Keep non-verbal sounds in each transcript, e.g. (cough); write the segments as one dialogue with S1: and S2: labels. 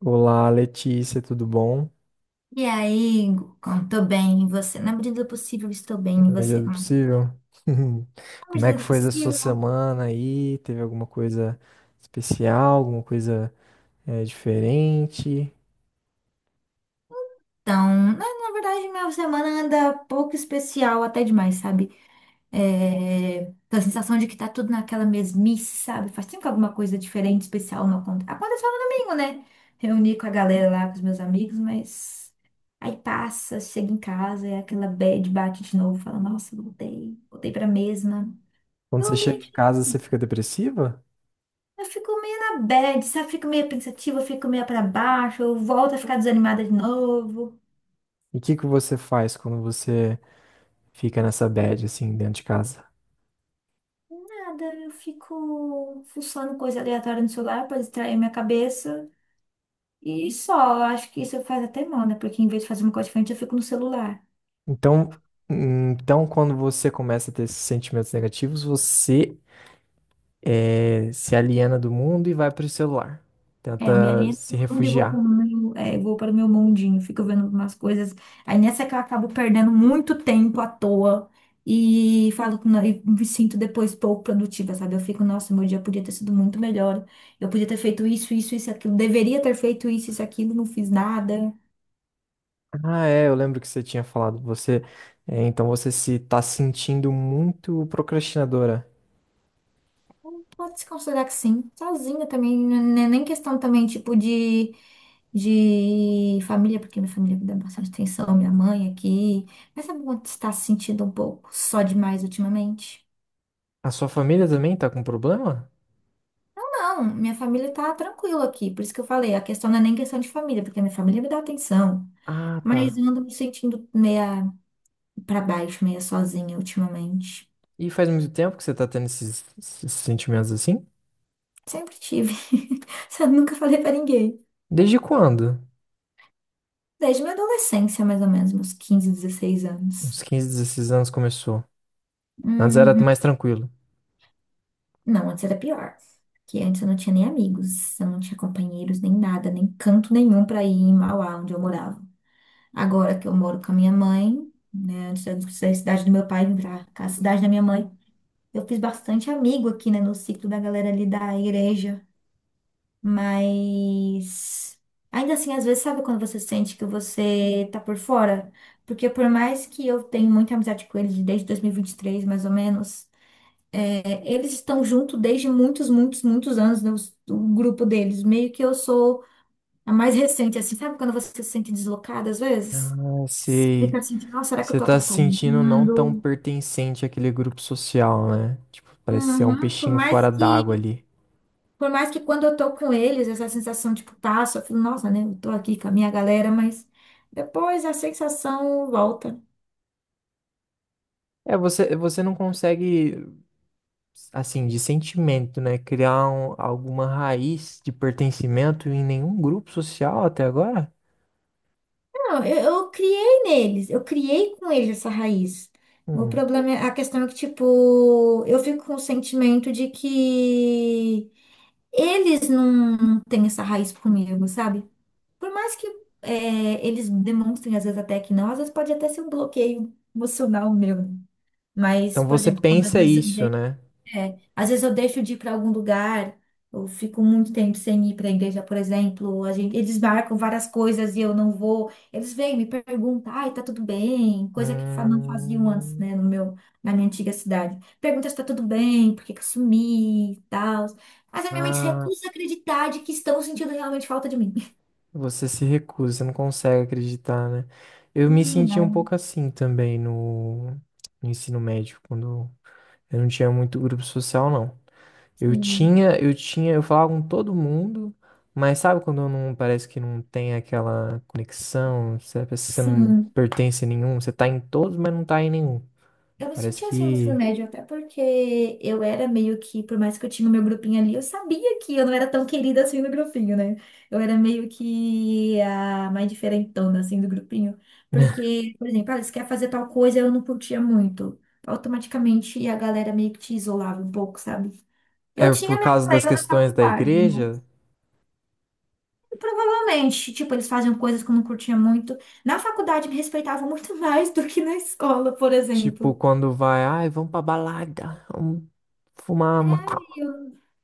S1: Olá, Letícia, tudo bom?
S2: E aí, Hugo, como tô bem, e você? Na medida do possível, estou bem, e
S1: Na medida
S2: você?
S1: do
S2: Como é que tá?
S1: possível. (laughs)
S2: Na
S1: Como é
S2: medida
S1: que
S2: do
S1: foi essa sua
S2: possível.
S1: semana aí? Teve alguma coisa especial, alguma coisa diferente?
S2: Então, na verdade, minha semana anda pouco especial, até demais, sabe? Tô a sensação de que tá tudo naquela mesmice, sabe? Faz tempo que alguma coisa diferente, especial não acontece. Aconteceu no domingo, né? Reuni com a galera lá, com os meus amigos, mas aí passa, chega em casa, é aquela bad, bate de novo, fala, nossa, voltei pra mesma.
S1: Quando você chega em casa, você fica depressiva?
S2: Eu fico meio na bad, sabe? Fico meio pensativa, fico meio pra baixo, eu volto a ficar desanimada de novo.
S1: E o que que você faz quando você fica nessa bad, assim, dentro de casa?
S2: Nada, eu fico fuçando coisa aleatória no celular pra distrair minha cabeça. E só, eu acho que isso faz até mal, né? Porque em vez de fazer uma coisa diferente, eu fico no celular.
S1: Então, então quando você começa a ter esses sentimentos negativos, você se aliena do mundo e vai para o celular.
S2: É, eu me
S1: Tenta
S2: alieno
S1: se
S2: tudo e vou para o
S1: refugiar.
S2: meu, é, vou para o meu mundinho, fico vendo umas coisas. Aí nessa que eu acabo perdendo muito tempo à toa e falo que não- e me sinto depois pouco produtiva, sabe? Eu fico, nossa, meu dia podia ter sido muito melhor. Eu podia ter feito isso, isso, isso, aquilo. Deveria ter feito isso, isso, aquilo, não fiz nada.
S1: Ah, é, eu lembro que você tinha falado. Então você se tá sentindo muito procrastinadora.
S2: Pode se considerar que sim. Sozinha também, não é nem questão também, tipo, de família, porque minha família me dá bastante atenção, minha mãe aqui. Mas sabe quando você está se sentindo um pouco só demais ultimamente?
S1: A sua família também tá com problema?
S2: Não, minha família tá tranquila aqui, por isso que eu falei, a questão não é nem questão de família, porque minha família me dá atenção.
S1: Ah,
S2: Mas
S1: tá.
S2: eu ando me sentindo meia pra baixo, meia sozinha ultimamente.
S1: E faz muito tempo que você tá tendo esses sentimentos assim?
S2: Sempre tive. (laughs) Só nunca falei pra ninguém.
S1: Desde quando?
S2: Desde minha adolescência, mais ou menos, meus 15, 16
S1: Uns
S2: anos.
S1: 15, 16 anos começou. Antes era
S2: Uhum.
S1: mais tranquilo.
S2: Não, antes era pior. Que antes eu não tinha nem amigos, eu não tinha companheiros, nem nada, nem canto nenhum pra ir em Mauá, onde eu morava. Agora que eu moro com a minha mãe, né, antes da cidade do meu pai vir pra cá, a cidade da minha mãe, eu fiz bastante amigo aqui, né, no ciclo da galera ali da igreja. Mas ainda assim, às vezes, sabe quando você sente que você tá por fora? Porque por mais que eu tenha muita amizade com eles desde 2023, mais ou menos. É, eles estão junto desde muitos, muitos, muitos anos, né, o grupo deles. Meio que eu sou a mais recente, assim, sabe quando você se sente deslocada às vezes?
S1: Ah, sei.
S2: Fica assim, nossa, será que eu
S1: Você
S2: tô
S1: tá se sentindo não tão
S2: atrapalhando?
S1: pertencente àquele grupo social, né? Tipo, parece que você é um
S2: Uhum. Por
S1: peixinho
S2: mais
S1: fora d'água
S2: que,
S1: ali.
S2: por mais que quando eu tô com eles, essa sensação, tipo, passa, eu falo, nossa, né, eu tô aqui com a minha galera, mas depois a sensação volta.
S1: É, você não consegue, assim, de sentimento, né? Criar alguma raiz de pertencimento em nenhum grupo social até agora?
S2: Não, eu criei neles, eu criei com eles essa raiz.
S1: Hum.
S2: A questão é que, tipo, eu fico com o sentimento de que eles não têm essa raiz comigo, sabe? Por mais que eles demonstrem, às vezes, até que não, às vezes pode até ser um bloqueio emocional meu. Mas,
S1: Então
S2: por
S1: você
S2: exemplo, quando às
S1: pensa
S2: vezes eu
S1: isso, né?
S2: é, às vezes eu deixo de ir para algum lugar, eu fico muito tempo sem ir para a igreja, por exemplo. A gente, eles marcam várias coisas e eu não vou. Eles vêm me perguntam, ai, tá tudo bem? Coisa que não faziam antes,
S1: Hum,
S2: né, no meu, na minha antiga cidade. Pergunta se tá tudo bem, por que que eu sumi e tal. Mas a minha mente se
S1: ah,
S2: recusa a acreditar de que estão sentindo realmente falta de mim. (laughs)
S1: você se recusa, não consegue acreditar, né? Eu me
S2: Hum.
S1: senti um
S2: Não,
S1: pouco assim também no ensino médio, quando eu não tinha muito grupo social, não.
S2: sim,
S1: Eu falava com todo mundo, mas sabe quando não parece que não tem aquela conexão, você parece que você não
S2: sim.
S1: pertence a nenhum, você tá em todos, mas não tá em nenhum.
S2: Eu me
S1: Parece
S2: sentia assim no ensino
S1: que
S2: médio, até porque eu era meio que, por mais que eu tinha o meu grupinho ali, eu sabia que eu não era tão querida assim no grupinho, né? Eu era meio que a mais diferentona assim do grupinho.
S1: (laughs)
S2: Porque, por exemplo, ah, você quer fazer tal coisa, eu não curtia muito. Automaticamente a galera meio que te isolava um pouco, sabe? Eu
S1: é
S2: tinha
S1: por
S2: minha
S1: causa das
S2: colega na
S1: questões da
S2: faculdade, né?
S1: igreja,
S2: E provavelmente, tipo, eles faziam coisas que eu não curtia muito. Na faculdade me respeitavam muito (laughs) mais do que na escola, por
S1: tipo
S2: exemplo.
S1: quando vai, ai, vamos pra balada, vamos fumar maconha.
S2: E eu,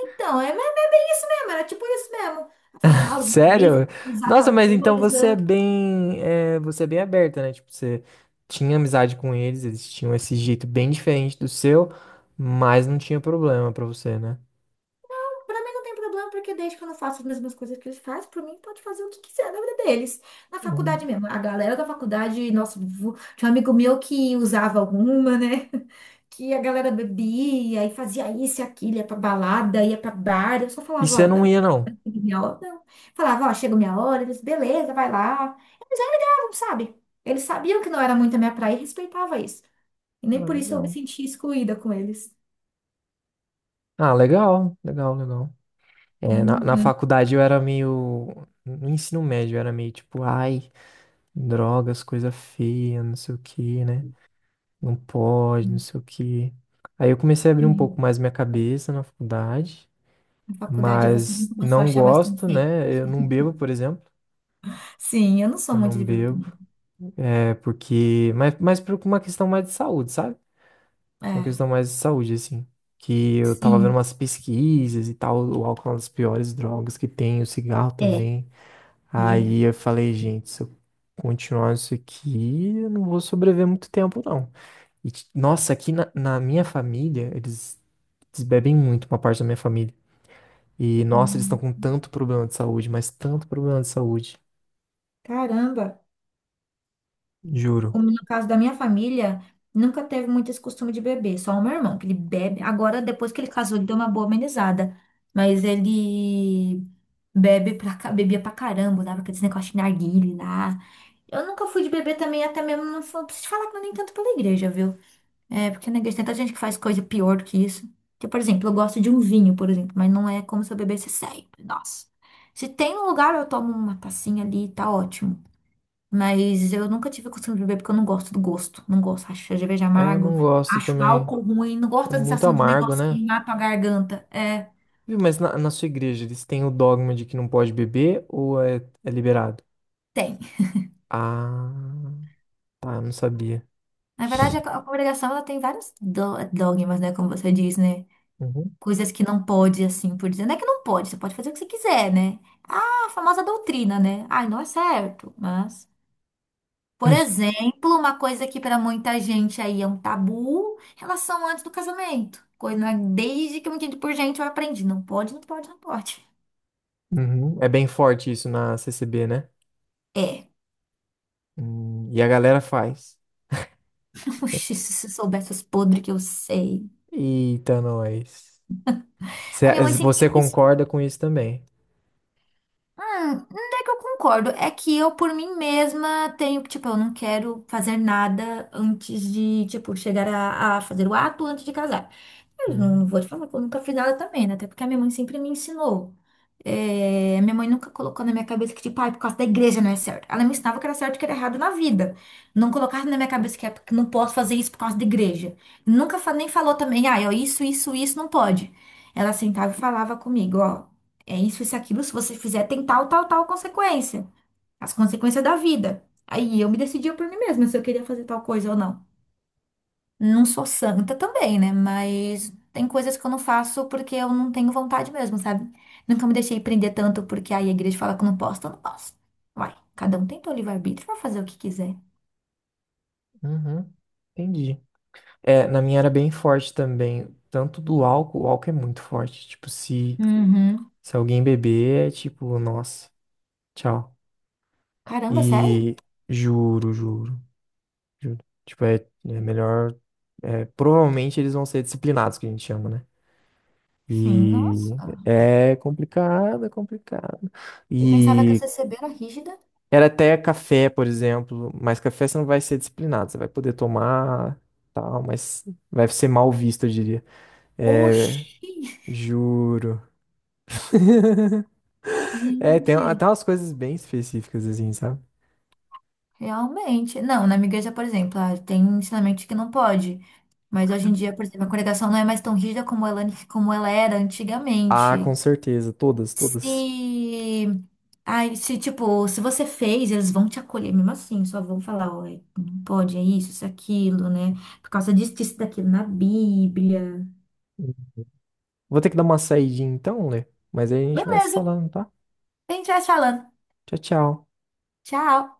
S2: Então, é bem isso mesmo, era tipo isso mesmo. Ela falou, tal, vez
S1: Sério?
S2: usar
S1: Nossa,
S2: tal
S1: mas então
S2: coisa.
S1: você é bem aberta, né? Tipo, você tinha amizade com eles, eles tinham esse jeito bem diferente do seu, mas não tinha problema pra você, né?
S2: Pra mim não tem problema, porque desde que eu não faço as mesmas coisas que eles fazem, pra mim pode fazer o que quiser da vida deles. Na faculdade
S1: Hum,
S2: mesmo, a galera da faculdade, nossa, tinha um amigo meu que usava alguma, né? (laughs) Que a galera bebia e fazia isso e aquilo, ia pra balada, ia pra bar. Eu só
S1: e
S2: falava,
S1: você
S2: ó,
S1: não
S2: galera.
S1: ia, não?
S2: Minha hora, não. Falava, ó, chega minha hora, eles, beleza, vai lá. Eles já ligavam, sabe? Eles sabiam que não era muito a minha praia e respeitava isso. E nem
S1: Ah,
S2: por isso eu me
S1: legal.
S2: sentia excluída com eles.
S1: Ah, legal, legal, legal. É, na
S2: Uhum.
S1: faculdade eu era meio. No ensino médio eu era meio tipo, ai, drogas, coisa feia, não sei o que, né? Não pode, não sei o que. Aí eu comecei a abrir um
S2: Sim.
S1: pouco mais minha cabeça na faculdade.
S2: Na faculdade você não
S1: Mas
S2: começou a
S1: não
S2: achar mais tão
S1: gosto,
S2: feio.
S1: né? Eu não bebo, por exemplo.
S2: Sim, eu não sou
S1: Eu
S2: muito
S1: não
S2: de bebê
S1: bebo.
S2: também.
S1: É porque. Mas por uma questão mais de saúde, sabe? Uma
S2: É,
S1: questão mais de saúde, assim. Que eu tava vendo
S2: sim,
S1: umas pesquisas e tal. O álcool é uma das piores drogas que tem, o cigarro
S2: é,
S1: também.
S2: e é.
S1: Aí eu falei, gente, se eu continuar isso aqui, eu não vou sobreviver muito tempo, não. E, nossa, aqui na minha família, eles bebem muito, uma parte da minha família. E, nossa, eles estão
S2: Hum.
S1: com tanto problema de saúde, mas tanto problema de saúde.
S2: Caramba.
S1: Juro.
S2: Como no caso da minha família, nunca teve muito esse costume de beber, só o meu irmão, que ele bebe. Agora, depois que ele casou, ele deu uma boa amenizada, mas ele bebia pra caramba, dava aqueles negócios de narguile lá. Eu nunca fui de beber também, até mesmo, não fui- preciso te falar que não é nem tanto pela igreja, viu? É, porque na igreja tem tanta gente que faz coisa pior do que isso. Porque, por exemplo, eu gosto de um vinho, por exemplo, mas não é como se eu bebesse sempre, nossa. Se tem um lugar, eu tomo uma tacinha ali, tá ótimo. Mas eu nunca tive a costume de beber porque eu não gosto do gosto. Não gosto. Acho cerveja
S1: É, eu
S2: amargo.
S1: não gosto
S2: Acho
S1: também.
S2: álcool ruim. Não gosto
S1: É
S2: da
S1: muito
S2: sensação de um
S1: amargo,
S2: negócio
S1: né?
S2: queimar tua garganta. É,
S1: Viu, mas na sua igreja, eles têm o dogma de que não pode beber ou é liberado?
S2: tem.
S1: Ah, tá, eu não sabia.
S2: Na verdade, a congregação ela tem vários dogmas, né? Como você diz, né?
S1: Uhum.
S2: Coisas que não pode, assim, por dizer. Não é que não pode, você pode fazer o que você quiser, né? Ah, a famosa doutrina, né? Ai, não é certo, mas. Por
S1: (laughs)
S2: exemplo, uma coisa que para muita gente aí é um tabu, relação antes do casamento. Coisa né, desde que eu me entendo por gente, eu aprendi. Não pode, não pode, não pode.
S1: Uhum. É bem forte isso na CCB, né?
S2: É.
S1: E a galera faz.
S2: (laughs) Oxi,
S1: (laughs)
S2: se você soubesse os podres que eu sei.
S1: Eita, nós.
S2: A minha mãe sempre
S1: Você
S2: me ensinou.
S1: concorda com isso também?
S2: Onde é que eu concordo? É que eu, por mim mesma, tenho que, tipo, eu não quero fazer nada antes de, tipo, chegar a fazer o ato antes de casar. Eu não
S1: Uhum.
S2: vou te falar que eu nunca fiz nada também, né? Até porque a minha mãe sempre me ensinou. É, minha mãe nunca colocou na minha cabeça que, tipo, ai, por causa da igreja não é certo. Ela me ensinava que era certo e que era errado na vida. Não colocava na minha cabeça que, é, porque não posso fazer isso por causa da igreja. Nunca fa- Nem falou também, ai, ó, isso não pode. Ela sentava e falava comigo, ó. É isso, isso, aquilo. Se você fizer, tem tal, tal, tal consequência. As consequências da vida. Aí eu me decidia por mim mesma se eu queria fazer tal coisa ou não. Não sou santa também, né? Mas tem coisas que eu não faço porque eu não tenho vontade mesmo, sabe? Nunca me deixei prender tanto porque aí a igreja fala que eu não posso, então eu não posso. Uai, cada um tem seu livre-arbítrio pra fazer o que quiser.
S1: Uhum, entendi. É, na minha era bem forte também. Tanto do álcool, o álcool é muito forte. Tipo,
S2: Uhum.
S1: se alguém beber, é tipo, nossa, tchau.
S2: Caramba, sério?
S1: E juro, juro, juro. Tipo, é melhor. É, provavelmente eles vão ser disciplinados, que a gente chama, né?
S2: Sim,
S1: E
S2: nossa.
S1: é complicado, é complicado.
S2: Eu pensava que a
S1: E
S2: CCB era rígida.
S1: era até café, por exemplo. Mas café você não vai ser disciplinado. Você vai poder tomar, tal, mas vai ser mal visto, eu diria. É,
S2: Oxi,
S1: juro. (laughs) É,
S2: (laughs)
S1: tem
S2: gente.
S1: até umas coisas bem específicas, assim, sabe?
S2: Realmente. Não, na minha igreja, por exemplo, ah, tem ensinamento que não pode. Mas hoje em dia, por exemplo, a congregação não é mais tão rígida como ela era
S1: Ah, com
S2: antigamente.
S1: certeza. Todas, todas.
S2: Se. Ai, se, tipo, se você fez, eles vão te acolher mesmo assim, só vão falar, ó, não pode, é isso, isso, aquilo, né? Por causa disso, disso, daquilo na Bíblia.
S1: Vou ter que dar uma saidinha então, Lê. Mas aí a gente vai se
S2: Beleza,
S1: falando, tá?
S2: a gente vai se falando.
S1: Tchau, tchau.
S2: Tchau.